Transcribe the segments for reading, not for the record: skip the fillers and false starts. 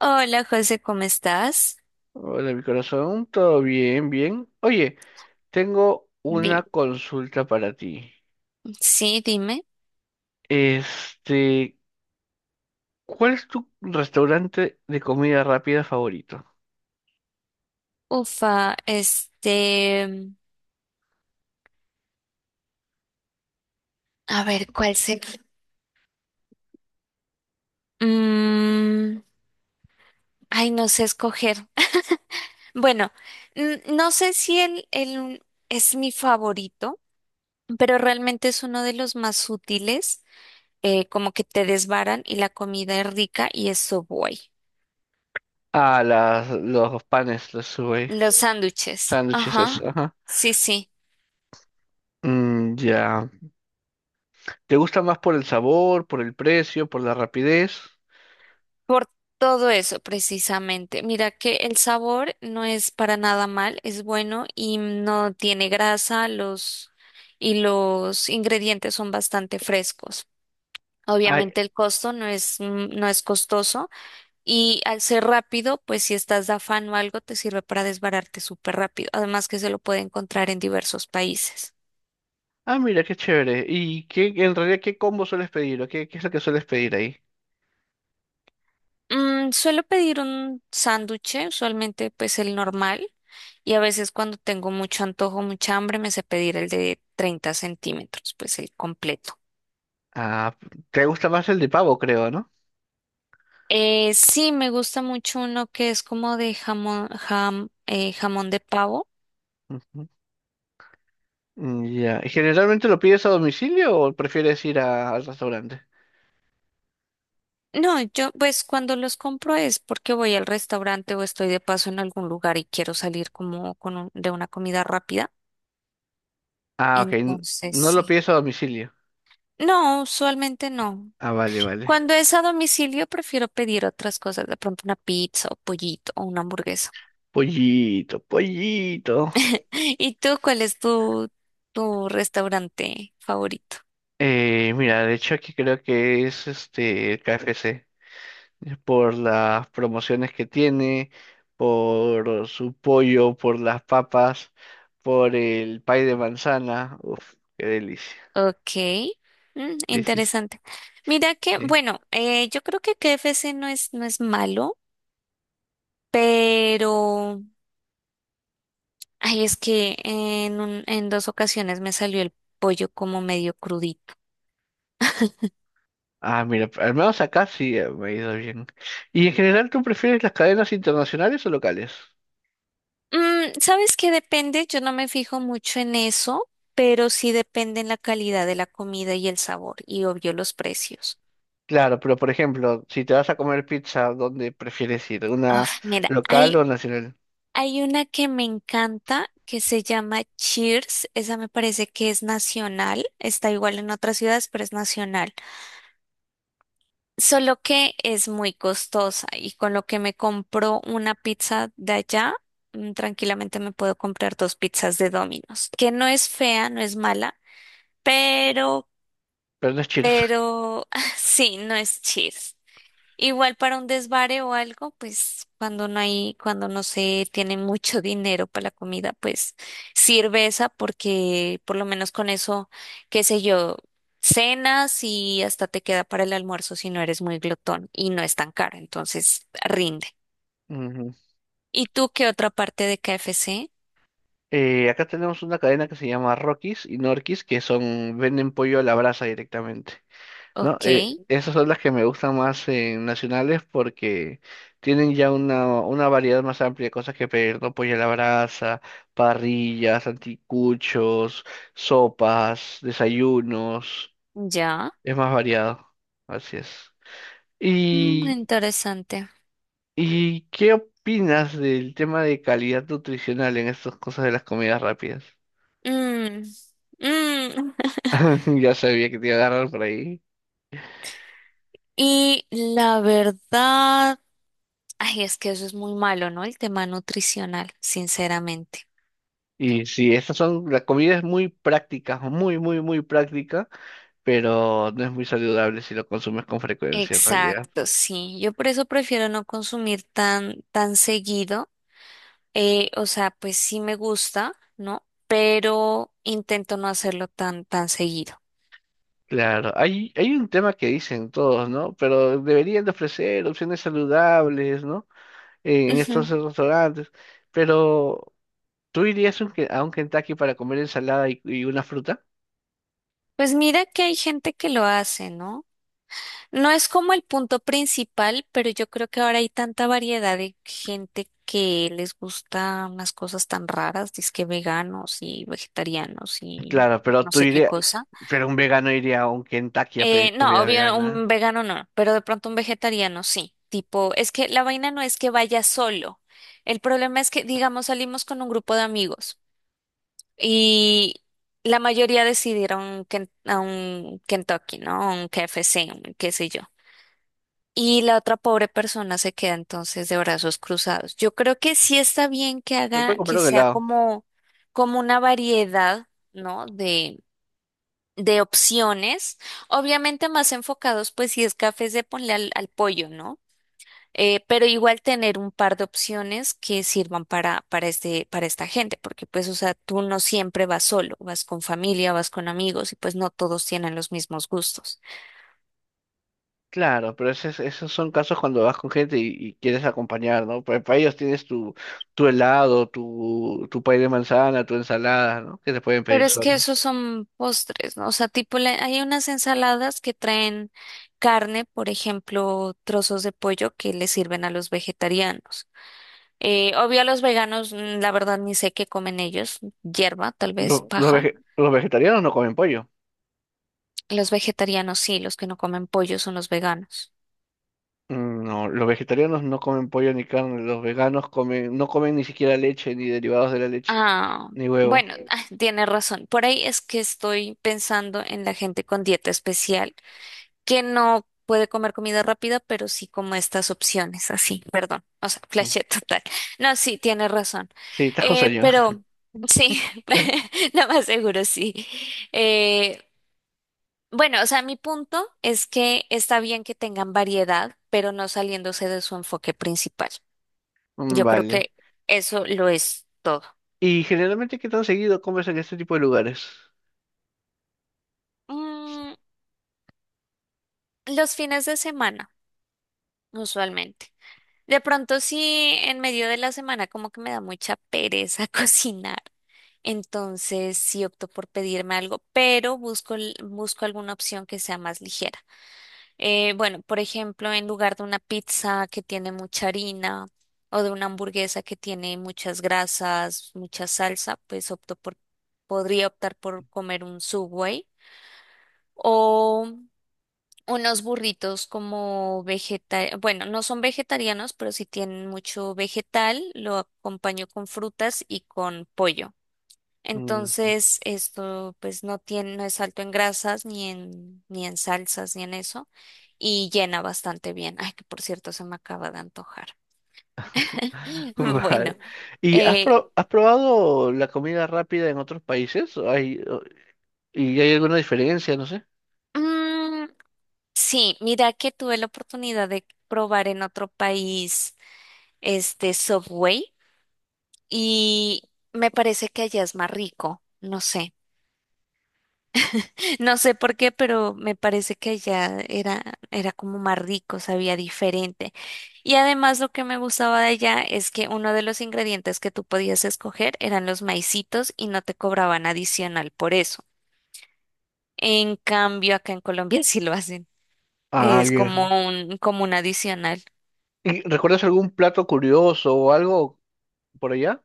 Hola José, ¿cómo estás? Hola, mi corazón, todo bien, bien. Oye, tengo Dime, una consulta para ti. sí, dime. Este, ¿Cuál es tu restaurante de comida rápida favorito? Ufa, este, a ver, Mm, ay, no sé escoger. Bueno, no sé si el es mi favorito, pero realmente es uno de los más útiles, como que te desbaran y la comida es rica y es Subway. Ah, los panes, los Subway, Los sándwiches, sándwiches, eso, ajá, ajá. sí, sí. Mm, ya. ¿Te gusta más por el sabor, por el precio, por la rapidez? Por todo eso, precisamente. Mira que el sabor no es para nada mal, es bueno y no tiene grasa, los y los ingredientes son bastante frescos. Ay, Obviamente el costo no es costoso y al ser rápido, pues si estás de afán o algo, te sirve para desbararte súper rápido. Además que se lo puede encontrar en diversos países. ah, mira, qué chévere. ¿Y qué combo sueles pedir o qué es lo que sueles pedir ahí? Suelo pedir un sándwich, usualmente pues el normal. Y a veces cuando tengo mucho antojo, mucha hambre, me sé pedir el de 30 centímetros, pues el completo. Ah, te gusta más el de pavo, creo, ¿no? Sí, me gusta mucho uno que es como de jamón, jamón de pavo. Mm, ya. ¿Generalmente lo pides a domicilio o prefieres al restaurante? No, yo pues cuando los compro es porque voy al restaurante o estoy de paso en algún lugar y quiero salir como con de una comida rápida. Ah, ok. Entonces No lo sí. pides a domicilio. No, usualmente no. Ah, vale, vale. Cuando es a domicilio prefiero pedir otras cosas, de pronto una pizza o pollito o una hamburguesa. Pollito, pollito. ¿Y tú cuál es tu restaurante favorito? Mira, de hecho aquí creo que es este el KFC, por las promociones que tiene, por su pollo, por las papas, por el pay de manzana. Uf, qué delicia. Ok, mm, Sí, sí, sí. interesante. Mira que, Sí. bueno, yo creo que KFC no es malo, pero, ay, es que en en dos ocasiones me salió el pollo como medio crudito. Ah, mira, al menos acá sí, me ha ido bien. ¿Y en general tú prefieres las cadenas internacionales o locales? ¿Sabes qué depende? Yo no me fijo mucho en eso, pero sí depende en la calidad de la comida y el sabor, y obvio los precios. Claro, pero por ejemplo, si te vas a comer pizza, ¿dónde prefieres ir? ¿Una Uf, mira, local hay o nacional? Hay una que me encanta que se llama Cheers. Esa me parece que es nacional. Está igual en otras ciudades, pero es nacional. Solo que es muy costosa y con lo que me compro una pizza de allá, tranquilamente me puedo comprar dos pizzas de Domino's, que no es fea, no es mala, pero, Pero no es Cheers. pero sí, no es Cheers. Igual para un desvare o algo, pues cuando no hay, cuando no se tiene mucho dinero para la comida, pues sirve esa porque por lo menos con eso, qué sé yo, cenas y hasta te queda para el almuerzo si no eres muy glotón y no es tan cara, entonces rinde. Ujú. ¿Y tú qué otra parte de KFC? Acá tenemos una cadena que se llama Rockies y Norquis, que son, venden pollo a la brasa directamente. No, Ok, esas son las que me gustan más en nacionales porque tienen ya una variedad más amplia de cosas que pedir, ¿no? Pollo a la brasa, parrillas, anticuchos, sopas, desayunos, ya. es más variado, así es. Mm, ¿Y, interesante. ¿y qué opinas del tema de calidad nutricional en estas cosas de las comidas rápidas? Mm, mm. Ya sabía que te iba a agarrar por ahí. Y la verdad. Ay, es que eso es muy malo, ¿no? El tema nutricional, sinceramente. Y sí, estas son, la comida es muy práctica, muy, muy, muy práctica, pero no es muy saludable si lo consumes con frecuencia en realidad. Exacto, sí. Yo por eso prefiero no consumir tan, tan seguido. O sea, pues sí me gusta, ¿no? Pero intento no hacerlo tan, tan seguido. Claro, hay un tema que dicen todos, ¿no? Pero deberían de ofrecer opciones saludables, ¿no? En estos Ujú. restaurantes. Pero, ¿tú irías un a un Kentucky para comer ensalada y una fruta? Pues mira que hay gente que lo hace, ¿no? No es como el punto principal, pero yo creo que ahora hay tanta variedad de gente que les gusta unas cosas tan raras, dizque veganos y vegetarianos y Claro, pero no tú sé qué irías, cosa. pero un vegano iría a un Kentucky a pedir No, comida obvio, vegana. un vegano no, pero de pronto un vegetariano sí. Tipo, es que la vaina no es que vaya solo. El problema es que, digamos, salimos con un grupo de amigos y la mayoría decidieron que, a un Kentucky, ¿no? Un KFC, un qué sé yo. Y la otra pobre persona se queda entonces de brazos cruzados. Yo creo que sí está bien que Me puede haga, que comprar un sea helado. como, como una variedad, ¿no? De opciones, obviamente más enfocados, pues si es café, se ponle al pollo, ¿no? Pero igual tener un par de opciones que sirvan para, para esta gente, porque pues, o sea, tú no siempre vas solo, vas con familia, vas con amigos y pues no todos tienen los mismos gustos. Claro, pero esos son casos cuando vas con gente y quieres acompañar, ¿no? Para ellos tienes tu helado, tu pay de manzana, tu ensalada, ¿no? Que te pueden Pero pedir es que solo. esos son postres, ¿no? O sea, tipo, hay unas ensaladas que traen carne, por ejemplo, trozos de pollo que le sirven a los vegetarianos. Obvio a los veganos, la verdad ni sé qué comen ellos, hierba tal vez, paja. Los vegetarianos no comen pollo. Los vegetarianos sí, los que no comen pollo son los veganos. Mm, no, los vegetarianos no comen pollo ni carne. Los veganos comen, no comen ni siquiera leche, ni derivados de la leche, Ah, ni huevo. bueno, ah, tiene razón. Por ahí es que estoy pensando en la gente con dieta especial, que no puede comer comida rápida, pero sí como estas opciones, así, perdón, o sea, No. flashé total. No, sí, tiene razón. Sí, estás con sueño. Pero sí, lo más seguro sí. Eh, Bueno, o sea, mi punto es que está bien que tengan variedad, pero no saliéndose de su enfoque principal. Mm, Yo creo vale. que eso lo es todo. ¿Y generalmente qué tan seguido comes en este tipo de lugares? Mm, los fines de semana, usualmente. De pronto, sí, en medio de la semana como que me da mucha pereza cocinar. Entonces, sí opto por pedirme algo, pero busco alguna opción que sea más ligera. Bueno, por ejemplo, en lugar de una pizza que tiene mucha harina o de una hamburguesa que tiene muchas grasas, mucha salsa, pues podría optar por comer un Subway o unos burritos como vegetal, bueno, no son vegetarianos, pero si tienen mucho vegetal, lo acompaño con frutas y con pollo. Mm. Entonces, esto pues no tiene, no es alto en grasas, ni en salsas, ni en eso, y llena bastante bien. Ay, que por cierto, se me acaba de antojar. Vale. Bueno, ¿Y eh, has probado la comida rápida en otros países? ¿O y hay alguna diferencia? No sé. mm, sí, mira que tuve la oportunidad de probar en otro país este Subway y me parece que allá es más rico, no sé. No sé por qué, pero me parece que allá era como más rico, sabía diferente. Y además lo que me gustaba de allá es que uno de los ingredientes que tú podías escoger eran los maicitos y no te cobraban adicional por eso. En cambio, acá en Colombia sí lo hacen. Ah, Es ya. como un adicional. ¿Y recuerdas algún plato curioso o algo por allá?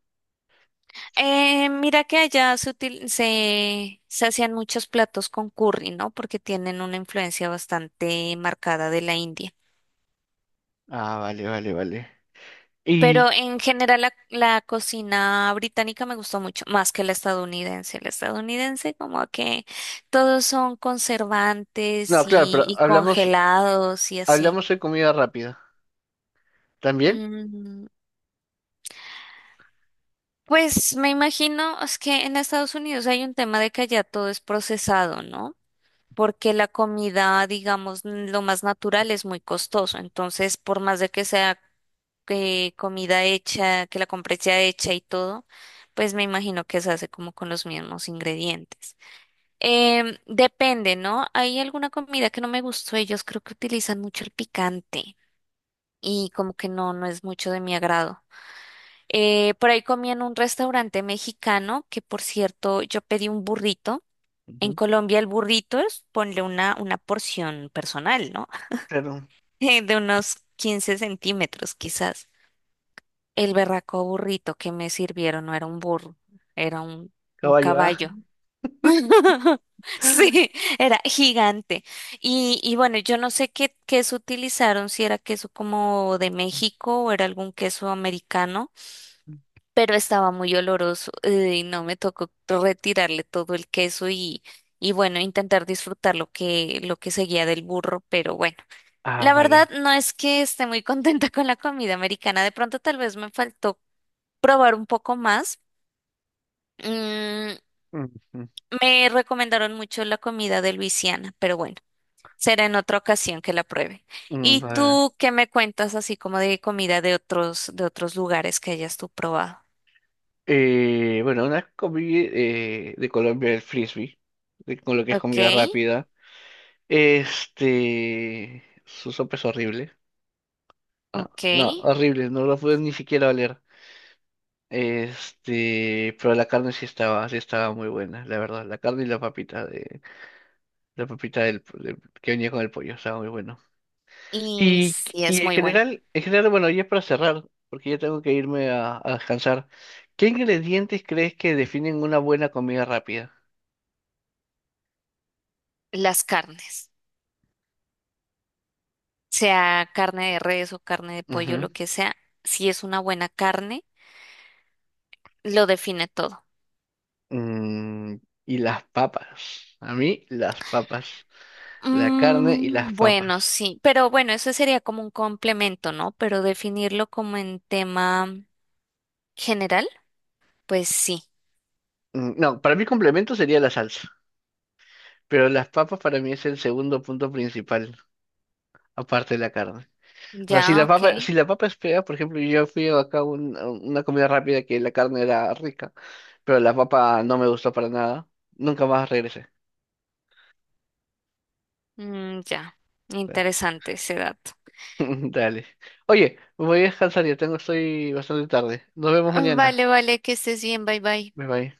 Mira que allá se hacían muchos platos con curry, ¿no? Porque tienen una influencia bastante marcada de la India. Ah, vale, vale, vale. Y, Pero en general la cocina británica me gustó mucho, más que la estadounidense. La estadounidense como que todos son conservantes no, claro, y, pero y hablamos, congelados y así. hablamos de comida rápida. ¿También? Mm, pues me imagino es que en Estados Unidos hay un tema de que allá todo es procesado, ¿no? Porque la comida, digamos, lo más natural es muy costoso. Entonces, por más de que sea comida hecha, que la compres ya hecha y todo, pues me imagino que se hace como con los mismos ingredientes. Depende, ¿no? Hay alguna comida que no me gustó. Ellos creo que utilizan mucho el picante y como que no es mucho de mi agrado. Por ahí comí en un restaurante mexicano que, por cierto, yo pedí un burrito. En Ujú. Colombia el burrito es ponle una porción personal, ¿no? Claro, De unos 15 centímetros quizás. El berraco burrito que me sirvieron no era un burro, era un caballo, ah. caballo. Sí, era gigante. Y bueno, yo no sé qué queso utilizaron, si era queso como de México o era algún queso americano Ujú. pero estaba muy oloroso y no me tocó retirarle todo el queso y bueno, intentar disfrutar lo que seguía del burro, pero bueno, Ah, la vale. verdad no es que esté muy contenta con la comida americana, de pronto tal vez me faltó probar un poco más. Mm, Ujú. me recomendaron mucho la comida de Luisiana, pero bueno, será en otra ocasión que la pruebe. Mm, ¿Y vale. tú qué me cuentas así como de comida de otros lugares que hayas tú probado? Bueno, una comida de Colombia, el frisbee, con lo que es Ok, comida rápida. Este, su sopa es horrible. No, ok. no, horrible, no lo pude ni siquiera oler. Este, pero la carne sí estaba muy buena, la verdad. La carne y la papita que venía con el pollo, estaba muy bueno. Y Y, sí y es muy bueno. En general, bueno, ya para cerrar, porque ya tengo que irme a descansar. ¿Qué ingredientes crees que definen una buena comida rápida? Las carnes, sea carne de res o carne de pollo, Ujú. lo que sea, si es una buena carne, lo define todo. Mm, y las papas. A mí, las papas. La carne y las Mm, papas. bueno, sí, pero bueno, eso sería como un complemento, ¿no? Pero definirlo como en tema general, pues sí. Mm, no, para mí complemento sería la salsa, pero las papas para mí es el segundo punto principal, aparte de la carne. O sea, Ya, ok. Si la papa es fea, por ejemplo, yo fui acá a a una comida rápida que la carne era rica, pero la papa no me gustó para nada, nunca más regresé. Mm, ya, interesante ese dato. Dale. Oye, voy a descansar, ya tengo, estoy bastante tarde. Nos vemos mañana. Vale, vale, que estés bien, bye bye. Bye bye.